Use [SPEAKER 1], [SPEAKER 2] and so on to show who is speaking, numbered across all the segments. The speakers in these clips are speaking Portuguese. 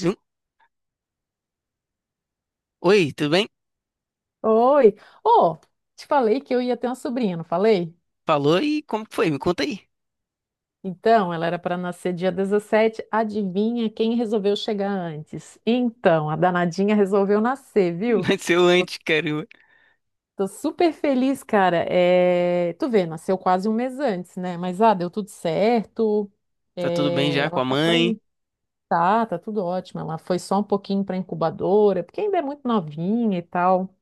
[SPEAKER 1] Zoom. Oi, tudo bem?
[SPEAKER 2] Oi! Ô, te falei que eu ia ter uma sobrinha, não falei?
[SPEAKER 1] Falou e como que foi? Me conta aí.
[SPEAKER 2] Então, ela era para nascer dia 17. Adivinha quem resolveu chegar antes? Então, a danadinha resolveu nascer, viu?
[SPEAKER 1] Mas eu
[SPEAKER 2] Tô,
[SPEAKER 1] antes, caramba.
[SPEAKER 2] tô super feliz, cara. Tu vê, nasceu quase um mês antes, né? Mas deu tudo certo.
[SPEAKER 1] Tá tudo bem já com
[SPEAKER 2] Ela
[SPEAKER 1] a
[SPEAKER 2] só
[SPEAKER 1] mãe?
[SPEAKER 2] foi. Tá tudo ótimo. Ela foi só um pouquinho para incubadora, porque ainda é muito novinha e tal.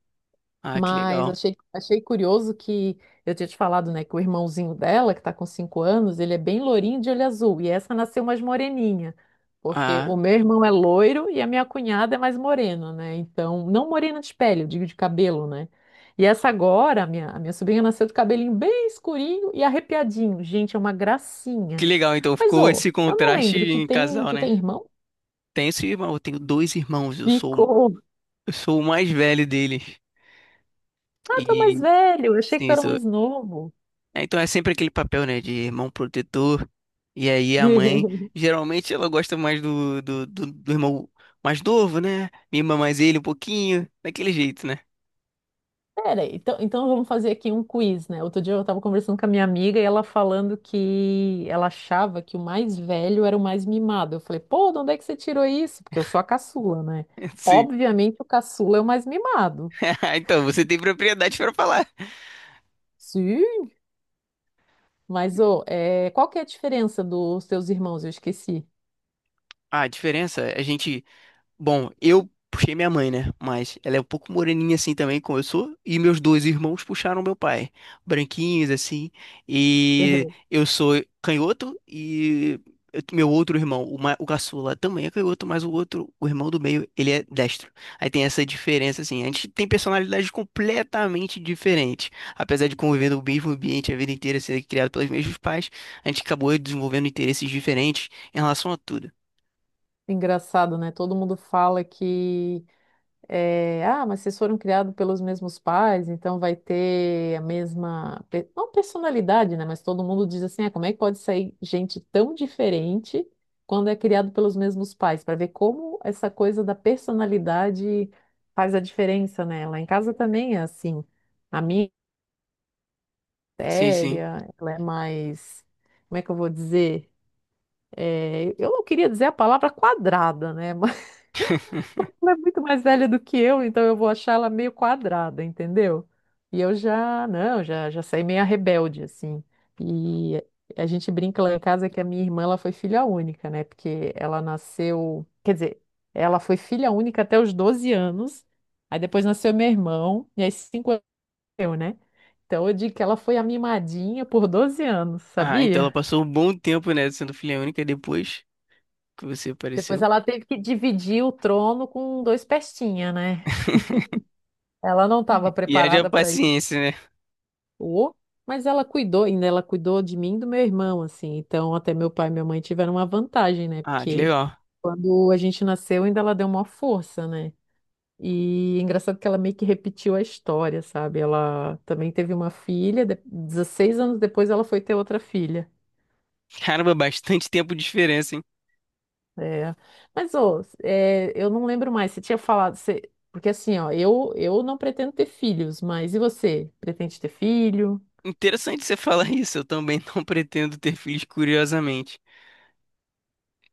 [SPEAKER 1] Ah, que
[SPEAKER 2] Mas
[SPEAKER 1] legal.
[SPEAKER 2] achei curioso que eu tinha te falado, né, que o irmãozinho dela, que tá com cinco anos, ele é bem lourinho de olho azul, e essa nasceu mais moreninha, porque
[SPEAKER 1] Ah,
[SPEAKER 2] o meu irmão é loiro e a minha cunhada é mais morena, né? Então, não morena de pele, eu digo de cabelo, né? E essa agora, a minha sobrinha nasceu de cabelinho bem escurinho e arrepiadinho. Gente, é uma
[SPEAKER 1] que
[SPEAKER 2] gracinha.
[SPEAKER 1] legal. Então
[SPEAKER 2] Mas,
[SPEAKER 1] ficou
[SPEAKER 2] ô,
[SPEAKER 1] esse
[SPEAKER 2] eu não
[SPEAKER 1] contraste
[SPEAKER 2] lembro, tu
[SPEAKER 1] em
[SPEAKER 2] tem,
[SPEAKER 1] casal,
[SPEAKER 2] tu
[SPEAKER 1] né?
[SPEAKER 2] tem irmão?
[SPEAKER 1] Tenho esse irmão, eu tenho dois irmãos. Eu sou,
[SPEAKER 2] Ficou.
[SPEAKER 1] eu sou o mais velho deles.
[SPEAKER 2] Ah, tu é mais
[SPEAKER 1] E
[SPEAKER 2] velho, eu achei que tu
[SPEAKER 1] sim,
[SPEAKER 2] era
[SPEAKER 1] sou.
[SPEAKER 2] mais novo.
[SPEAKER 1] É, então é sempre aquele papel, né, de irmão protetor. E aí a mãe, geralmente ela gosta mais do irmão mais novo, né? Mima mais ele um pouquinho, daquele jeito, né?
[SPEAKER 2] Pera, então vamos fazer aqui um quiz, né? Outro dia eu tava conversando com a minha amiga e ela falando que ela achava que o mais velho era o mais mimado. Eu falei, pô, de onde é que você tirou isso? Porque eu sou a caçula, né?
[SPEAKER 1] Sim.
[SPEAKER 2] Obviamente o caçula é o mais mimado.
[SPEAKER 1] Então, você tem propriedade para falar.
[SPEAKER 2] Sim. Mas, ô, qual que é a diferença dos teus irmãos? Eu esqueci.
[SPEAKER 1] A diferença, a gente Bom, eu puxei minha mãe, né? Mas ela é um pouco moreninha assim também, como eu sou. E meus dois irmãos puxaram meu pai. Branquinhos, assim. E
[SPEAKER 2] Uhum.
[SPEAKER 1] eu sou canhoto e meu outro irmão, o caçula, também é canhoto, mas o outro, o irmão do meio, ele é destro. Aí tem essa diferença, assim. A gente tem personalidades completamente diferentes. Apesar de conviver no mesmo ambiente a vida inteira, ser criado pelos mesmos pais, a gente acabou desenvolvendo interesses diferentes em relação a tudo.
[SPEAKER 2] Engraçado, né? Todo mundo fala que mas vocês foram criados pelos mesmos pais, então vai ter a mesma, não personalidade, né? Mas todo mundo diz assim, ah, como é que pode sair gente tão diferente quando é criado pelos mesmos pais? Para ver como essa coisa da personalidade faz a diferença, né? Lá em casa também é assim. A minha é
[SPEAKER 1] Sim, sim.
[SPEAKER 2] séria, ela é mais, como é que eu vou dizer? Eu não queria dizer a palavra quadrada, né? Ela é muito mais velha do que eu, então eu vou achar ela meio quadrada, entendeu? E eu já, não, já saí meio rebelde, assim. E a gente brinca lá em casa que a minha irmã, ela foi filha única, né? Porque ela nasceu, quer dizer, ela foi filha única até os 12 anos, aí depois nasceu meu irmão, e aí cinco anos eu, né? Então eu digo que ela foi a mimadinha por 12 anos,
[SPEAKER 1] Ah, então ela
[SPEAKER 2] sabia?
[SPEAKER 1] passou um bom tempo, né, sendo filha única depois que você
[SPEAKER 2] Depois
[SPEAKER 1] apareceu.
[SPEAKER 2] ela teve que dividir o trono com dois pestinha, né? Ela não estava
[SPEAKER 1] E haja
[SPEAKER 2] preparada para.
[SPEAKER 1] paciência, né?
[SPEAKER 2] Ô, mas ela cuidou, ainda ela cuidou de mim e do meu irmão, assim. Então, até meu pai e minha mãe tiveram uma vantagem, né?
[SPEAKER 1] Ah, que
[SPEAKER 2] Porque
[SPEAKER 1] legal.
[SPEAKER 2] quando a gente nasceu, ainda ela deu uma força, né? E engraçado que ela meio que repetiu a história, sabe? Ela também teve uma filha, 16 anos depois ela foi ter outra filha.
[SPEAKER 1] Caramba, bastante tempo de diferença, hein?
[SPEAKER 2] É. Mas, ô, eu não lembro mais, você tinha falado, você... porque assim, ó, eu não pretendo ter filhos, mas e você? Pretende ter filho?
[SPEAKER 1] Interessante você falar isso. Eu também não pretendo ter filhos, curiosamente.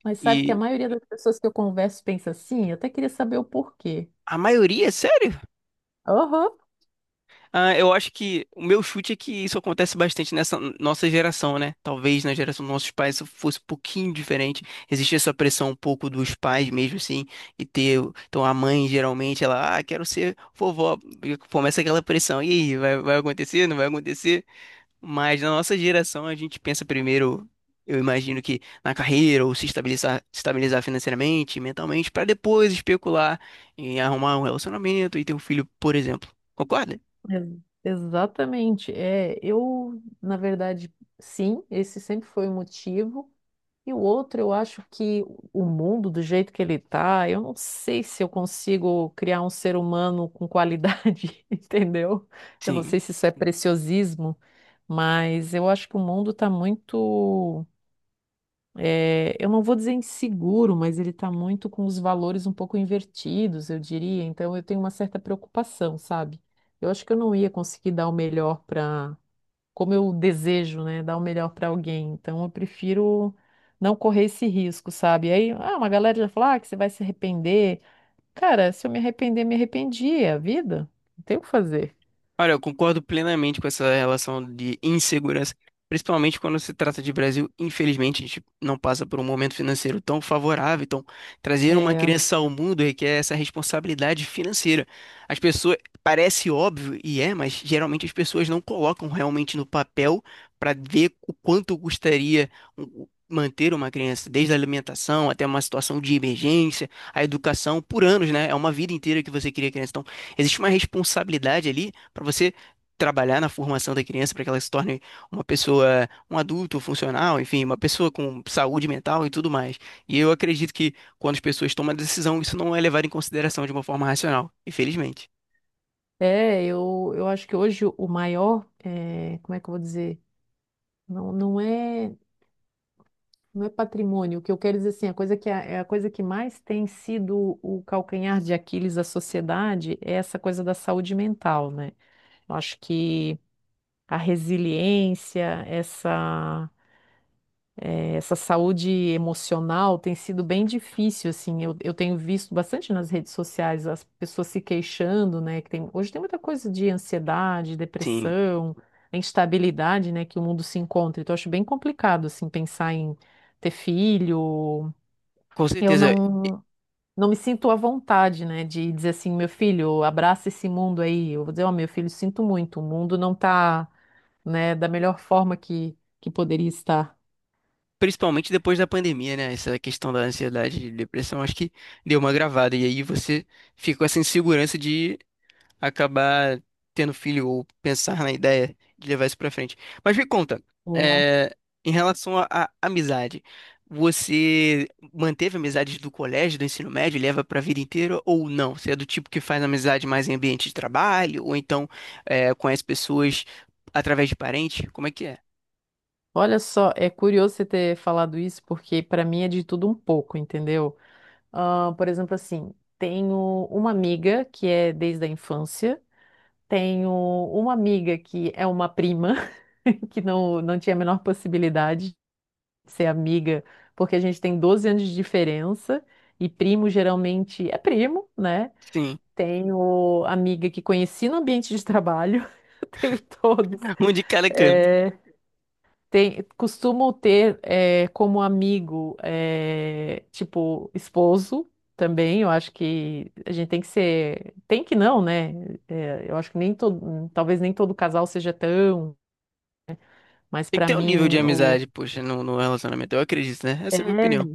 [SPEAKER 2] Mas sabe que a
[SPEAKER 1] E
[SPEAKER 2] maioria das pessoas que eu converso pensa assim? Eu até queria saber o porquê.
[SPEAKER 1] a maioria, sério?
[SPEAKER 2] Aham.
[SPEAKER 1] Ah, eu acho que o meu chute é que isso acontece bastante nessa nossa geração, né? Talvez na geração dos nossos pais isso fosse um pouquinho diferente. Existe essa pressão um pouco dos pais mesmo, assim, e ter. Então a mãe geralmente ela, ah, quero ser vovó. E começa aquela pressão. E aí, vai acontecer? Não vai acontecer? Mas na nossa geração a gente pensa primeiro, eu imagino que na carreira, ou se estabilizar financeiramente, mentalmente, para depois especular em arrumar um relacionamento e ter um filho, por exemplo. Concorda?
[SPEAKER 2] Exatamente. Eu, na verdade, sim, esse sempre foi o motivo. E o outro, eu acho que o mundo, do jeito que ele está, eu não sei se eu consigo criar um ser humano com qualidade, entendeu? Eu não
[SPEAKER 1] Sim.
[SPEAKER 2] sei se isso é preciosismo, mas eu acho que o mundo está muito. Eu não vou dizer inseguro, mas ele está muito com os valores um pouco invertidos, eu diria. Então eu tenho uma certa preocupação, sabe? Eu acho que eu não ia conseguir dar o melhor para, como eu desejo, né? Dar o melhor para alguém. Então eu prefiro não correr esse risco, sabe? Aí, ah, uma galera já fala, ah, que você vai se arrepender. Cara, se eu me arrepender, me arrependi, é a vida. Não tem o que fazer.
[SPEAKER 1] Olha, eu concordo plenamente com essa relação de insegurança, principalmente quando se trata de Brasil. Infelizmente, a gente não passa por um momento financeiro tão favorável. Então, trazer uma
[SPEAKER 2] É,
[SPEAKER 1] criança ao mundo requer essa responsabilidade financeira. As pessoas, parece óbvio e é, mas geralmente as pessoas não colocam realmente no papel para ver o quanto custaria manter uma criança, desde a alimentação até uma situação de emergência, a educação por anos, né? É uma vida inteira que você cria criança. Então, existe uma responsabilidade ali para você trabalhar na formação da criança para que ela se torne uma pessoa, um adulto funcional, enfim, uma pessoa com saúde mental e tudo mais. E eu acredito que quando as pessoas tomam a decisão, isso não é levado em consideração de uma forma racional, infelizmente.
[SPEAKER 2] eu acho que hoje o maior, como é que eu vou dizer? Não, não é. Não é patrimônio. O que eu quero dizer assim, a coisa que é a coisa que mais tem sido o calcanhar de Aquiles da sociedade é essa coisa da saúde mental, né? Eu acho que a resiliência, essa saúde emocional tem sido bem difícil, assim. Eu tenho visto bastante nas redes sociais as pessoas se queixando, né? Que tem, hoje tem muita coisa de ansiedade,
[SPEAKER 1] Sim,
[SPEAKER 2] depressão, a instabilidade, né? Que o mundo se encontra. Então, eu acho bem complicado, assim, pensar em ter filho,
[SPEAKER 1] com
[SPEAKER 2] eu
[SPEAKER 1] certeza.
[SPEAKER 2] não, não me sinto à vontade, né, de dizer assim, meu filho, abraça esse mundo aí. Eu vou dizer, ó, meu filho, sinto muito, o mundo não tá, né, da melhor forma que poderia estar.
[SPEAKER 1] Principalmente depois da pandemia, né? Essa questão da ansiedade e depressão, acho que deu uma gravada. E aí você fica com essa insegurança de acabar tendo filho ou pensar na ideia de levar isso pra frente. Mas me conta,
[SPEAKER 2] É.
[SPEAKER 1] é, em relação à amizade, você manteve amizades do colégio, do ensino médio, leva pra vida inteira ou não? Você é do tipo que faz amizade mais em ambiente de trabalho ou então conhece pessoas através de parente? Como é que é?
[SPEAKER 2] Olha só, é curioso você ter falado isso, porque para mim é de tudo um pouco, entendeu? Ah, por exemplo, assim, tenho uma amiga que é desde a infância, tenho uma amiga que é uma prima, que não, não tinha a menor possibilidade. Ser amiga, porque a gente tem 12 anos de diferença e primo geralmente é primo, né?
[SPEAKER 1] Sim,
[SPEAKER 2] Tenho amiga que conheci no ambiente de trabalho, eu tenho todos.
[SPEAKER 1] um de cada canto.
[SPEAKER 2] É, tem, costumo ter como amigo, tipo, esposo também. Eu acho que a gente tem que ser. Tem que não, né? Eu acho que nem todo. Talvez nem todo casal seja tão, mas
[SPEAKER 1] Tem que
[SPEAKER 2] para
[SPEAKER 1] ter um nível
[SPEAKER 2] mim,
[SPEAKER 1] de
[SPEAKER 2] o.
[SPEAKER 1] amizade, poxa, no relacionamento. Eu acredito, né? Essa é a minha opinião.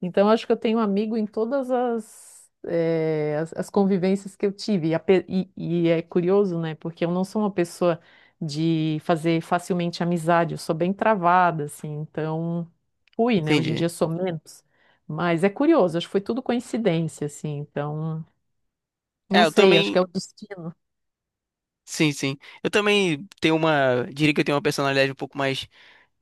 [SPEAKER 2] Então, acho que eu tenho amigo em todas as, as convivências que eu tive. E, e é curioso, né? Porque eu não sou uma pessoa de fazer facilmente amizade, eu sou bem travada, assim. Então, fui, né? Hoje em
[SPEAKER 1] Entendi.
[SPEAKER 2] dia sou menos. Mas é curioso, acho que foi tudo coincidência, assim. Então,
[SPEAKER 1] É,
[SPEAKER 2] não
[SPEAKER 1] eu
[SPEAKER 2] sei, acho
[SPEAKER 1] também.
[SPEAKER 2] que é o destino.
[SPEAKER 1] Sim, sim. Eu também tenho uma. Diria que eu tenho uma personalidade um pouco mais.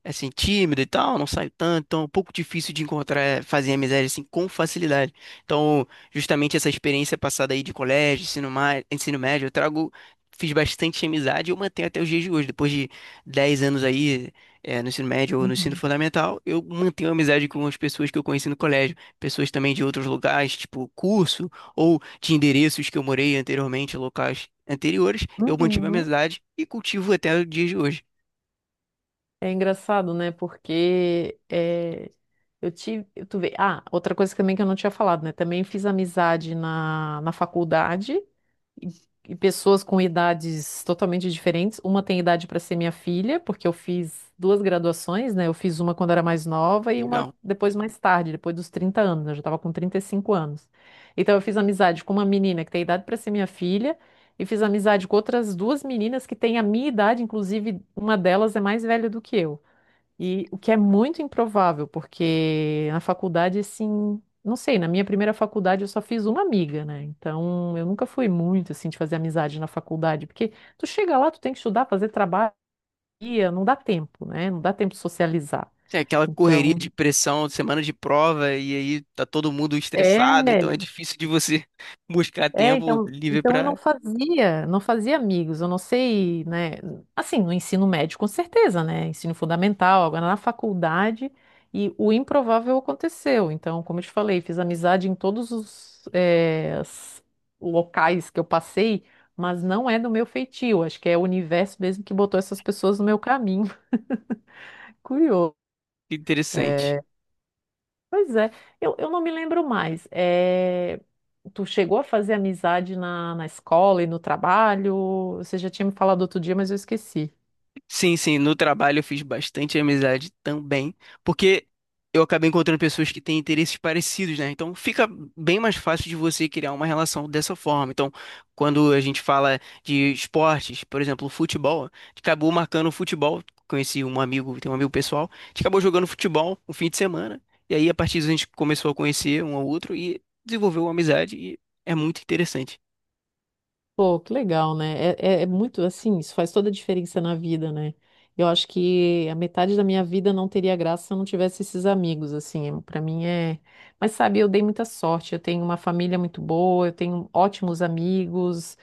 [SPEAKER 1] É assim, tímido e tal, não saio tanto, então é um pouco difícil de encontrar, fazer amizade assim com facilidade. Então, justamente essa experiência passada aí de colégio, ensino, ensino médio, eu trago, fiz bastante amizade e eu mantenho até os dias de hoje. Depois de 10 anos aí, no ensino médio ou no ensino
[SPEAKER 2] Uhum.
[SPEAKER 1] fundamental, eu mantenho amizade com as pessoas que eu conheci no colégio, pessoas também de outros lugares, tipo curso, ou de endereços que eu morei anteriormente, locais anteriores, eu mantive a
[SPEAKER 2] Uhum.
[SPEAKER 1] amizade e cultivo até os dias de hoje.
[SPEAKER 2] É engraçado, né? Porque eu tive. Tu vê, ah, outra coisa também que eu não tinha falado, né? Também fiz amizade na, na faculdade e, e pessoas com idades totalmente diferentes. Uma tem idade para ser minha filha, porque eu fiz duas graduações, né? Eu fiz uma quando era mais nova e uma
[SPEAKER 1] Legal.
[SPEAKER 2] depois mais tarde, depois dos 30 anos. Eu já estava com 35 anos. Então eu fiz amizade com uma menina que tem idade para ser minha filha. E fiz amizade com outras duas meninas que têm a minha idade, inclusive uma delas é mais velha do que eu. E o que é muito improvável, porque na faculdade, assim, não sei, na minha primeira faculdade eu só fiz uma amiga, né? Então eu nunca fui muito, assim, de fazer amizade na faculdade, porque tu chega lá, tu tem que estudar, fazer trabalho, e não dá tempo, né? Não dá tempo de socializar.
[SPEAKER 1] É aquela correria
[SPEAKER 2] Então,
[SPEAKER 1] de pressão, semana de prova, e aí tá todo mundo estressado, então é
[SPEAKER 2] é.
[SPEAKER 1] difícil de você buscar
[SPEAKER 2] É,
[SPEAKER 1] tempo
[SPEAKER 2] então,
[SPEAKER 1] livre
[SPEAKER 2] então eu não
[SPEAKER 1] pra
[SPEAKER 2] fazia, não fazia amigos, eu não sei, né? Assim, no ensino médio, com certeza, né? Ensino fundamental, agora na faculdade, e o improvável aconteceu. Então, como eu te falei, fiz amizade em todos os, locais que eu passei, mas não é do meu feitio, acho que é o universo mesmo que botou essas pessoas no meu caminho. Curioso.
[SPEAKER 1] Interessante.
[SPEAKER 2] Pois é, eu não me lembro mais. Tu chegou a fazer amizade na, na escola e no trabalho? Você já tinha me falado outro dia, mas eu esqueci.
[SPEAKER 1] Sim, sim, no trabalho eu fiz bastante amizade também, porque eu acabei encontrando pessoas que têm interesses parecidos, né? Então fica bem mais fácil de você criar uma relação dessa forma. Então, quando a gente fala de esportes, por exemplo, futebol, a gente acabou marcando um futebol, conheci um amigo, tem um amigo pessoal, a gente acabou jogando futebol um fim de semana, e aí a partir disso a gente começou a conhecer um ao outro e desenvolveu uma amizade e é muito interessante.
[SPEAKER 2] Pô, que legal, né? É muito assim, isso faz toda a diferença na vida, né? Eu acho que a metade da minha vida não teria graça se eu não tivesse esses amigos, assim, pra mim é. Mas sabe, eu dei muita sorte, eu tenho uma família muito boa, eu tenho ótimos amigos,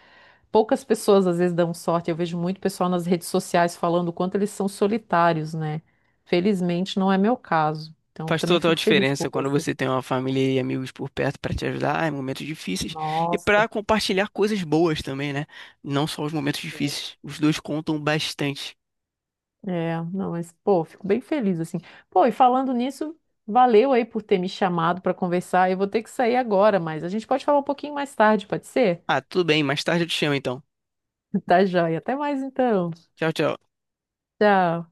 [SPEAKER 2] poucas pessoas às vezes dão sorte. Eu vejo muito pessoal nas redes sociais falando o quanto eles são solitários, né? Felizmente não é meu caso. Então, eu
[SPEAKER 1] Faz
[SPEAKER 2] também
[SPEAKER 1] total
[SPEAKER 2] fico feliz por
[SPEAKER 1] diferença quando
[SPEAKER 2] você.
[SPEAKER 1] você tem uma família e amigos por perto para te ajudar em momentos difíceis e para
[SPEAKER 2] Nossa.
[SPEAKER 1] compartilhar coisas boas também, né? Não só os momentos difíceis. Os dois contam bastante.
[SPEAKER 2] Não, mas pô, fico bem feliz assim. Pô, e falando nisso, valeu aí por ter me chamado para conversar. Eu vou ter que sair agora, mas a gente pode falar um pouquinho mais tarde, pode ser?
[SPEAKER 1] Ah, tudo bem, mais tarde eu te chamo então.
[SPEAKER 2] Tá joia. Até mais então.
[SPEAKER 1] Tchau, tchau.
[SPEAKER 2] Tchau.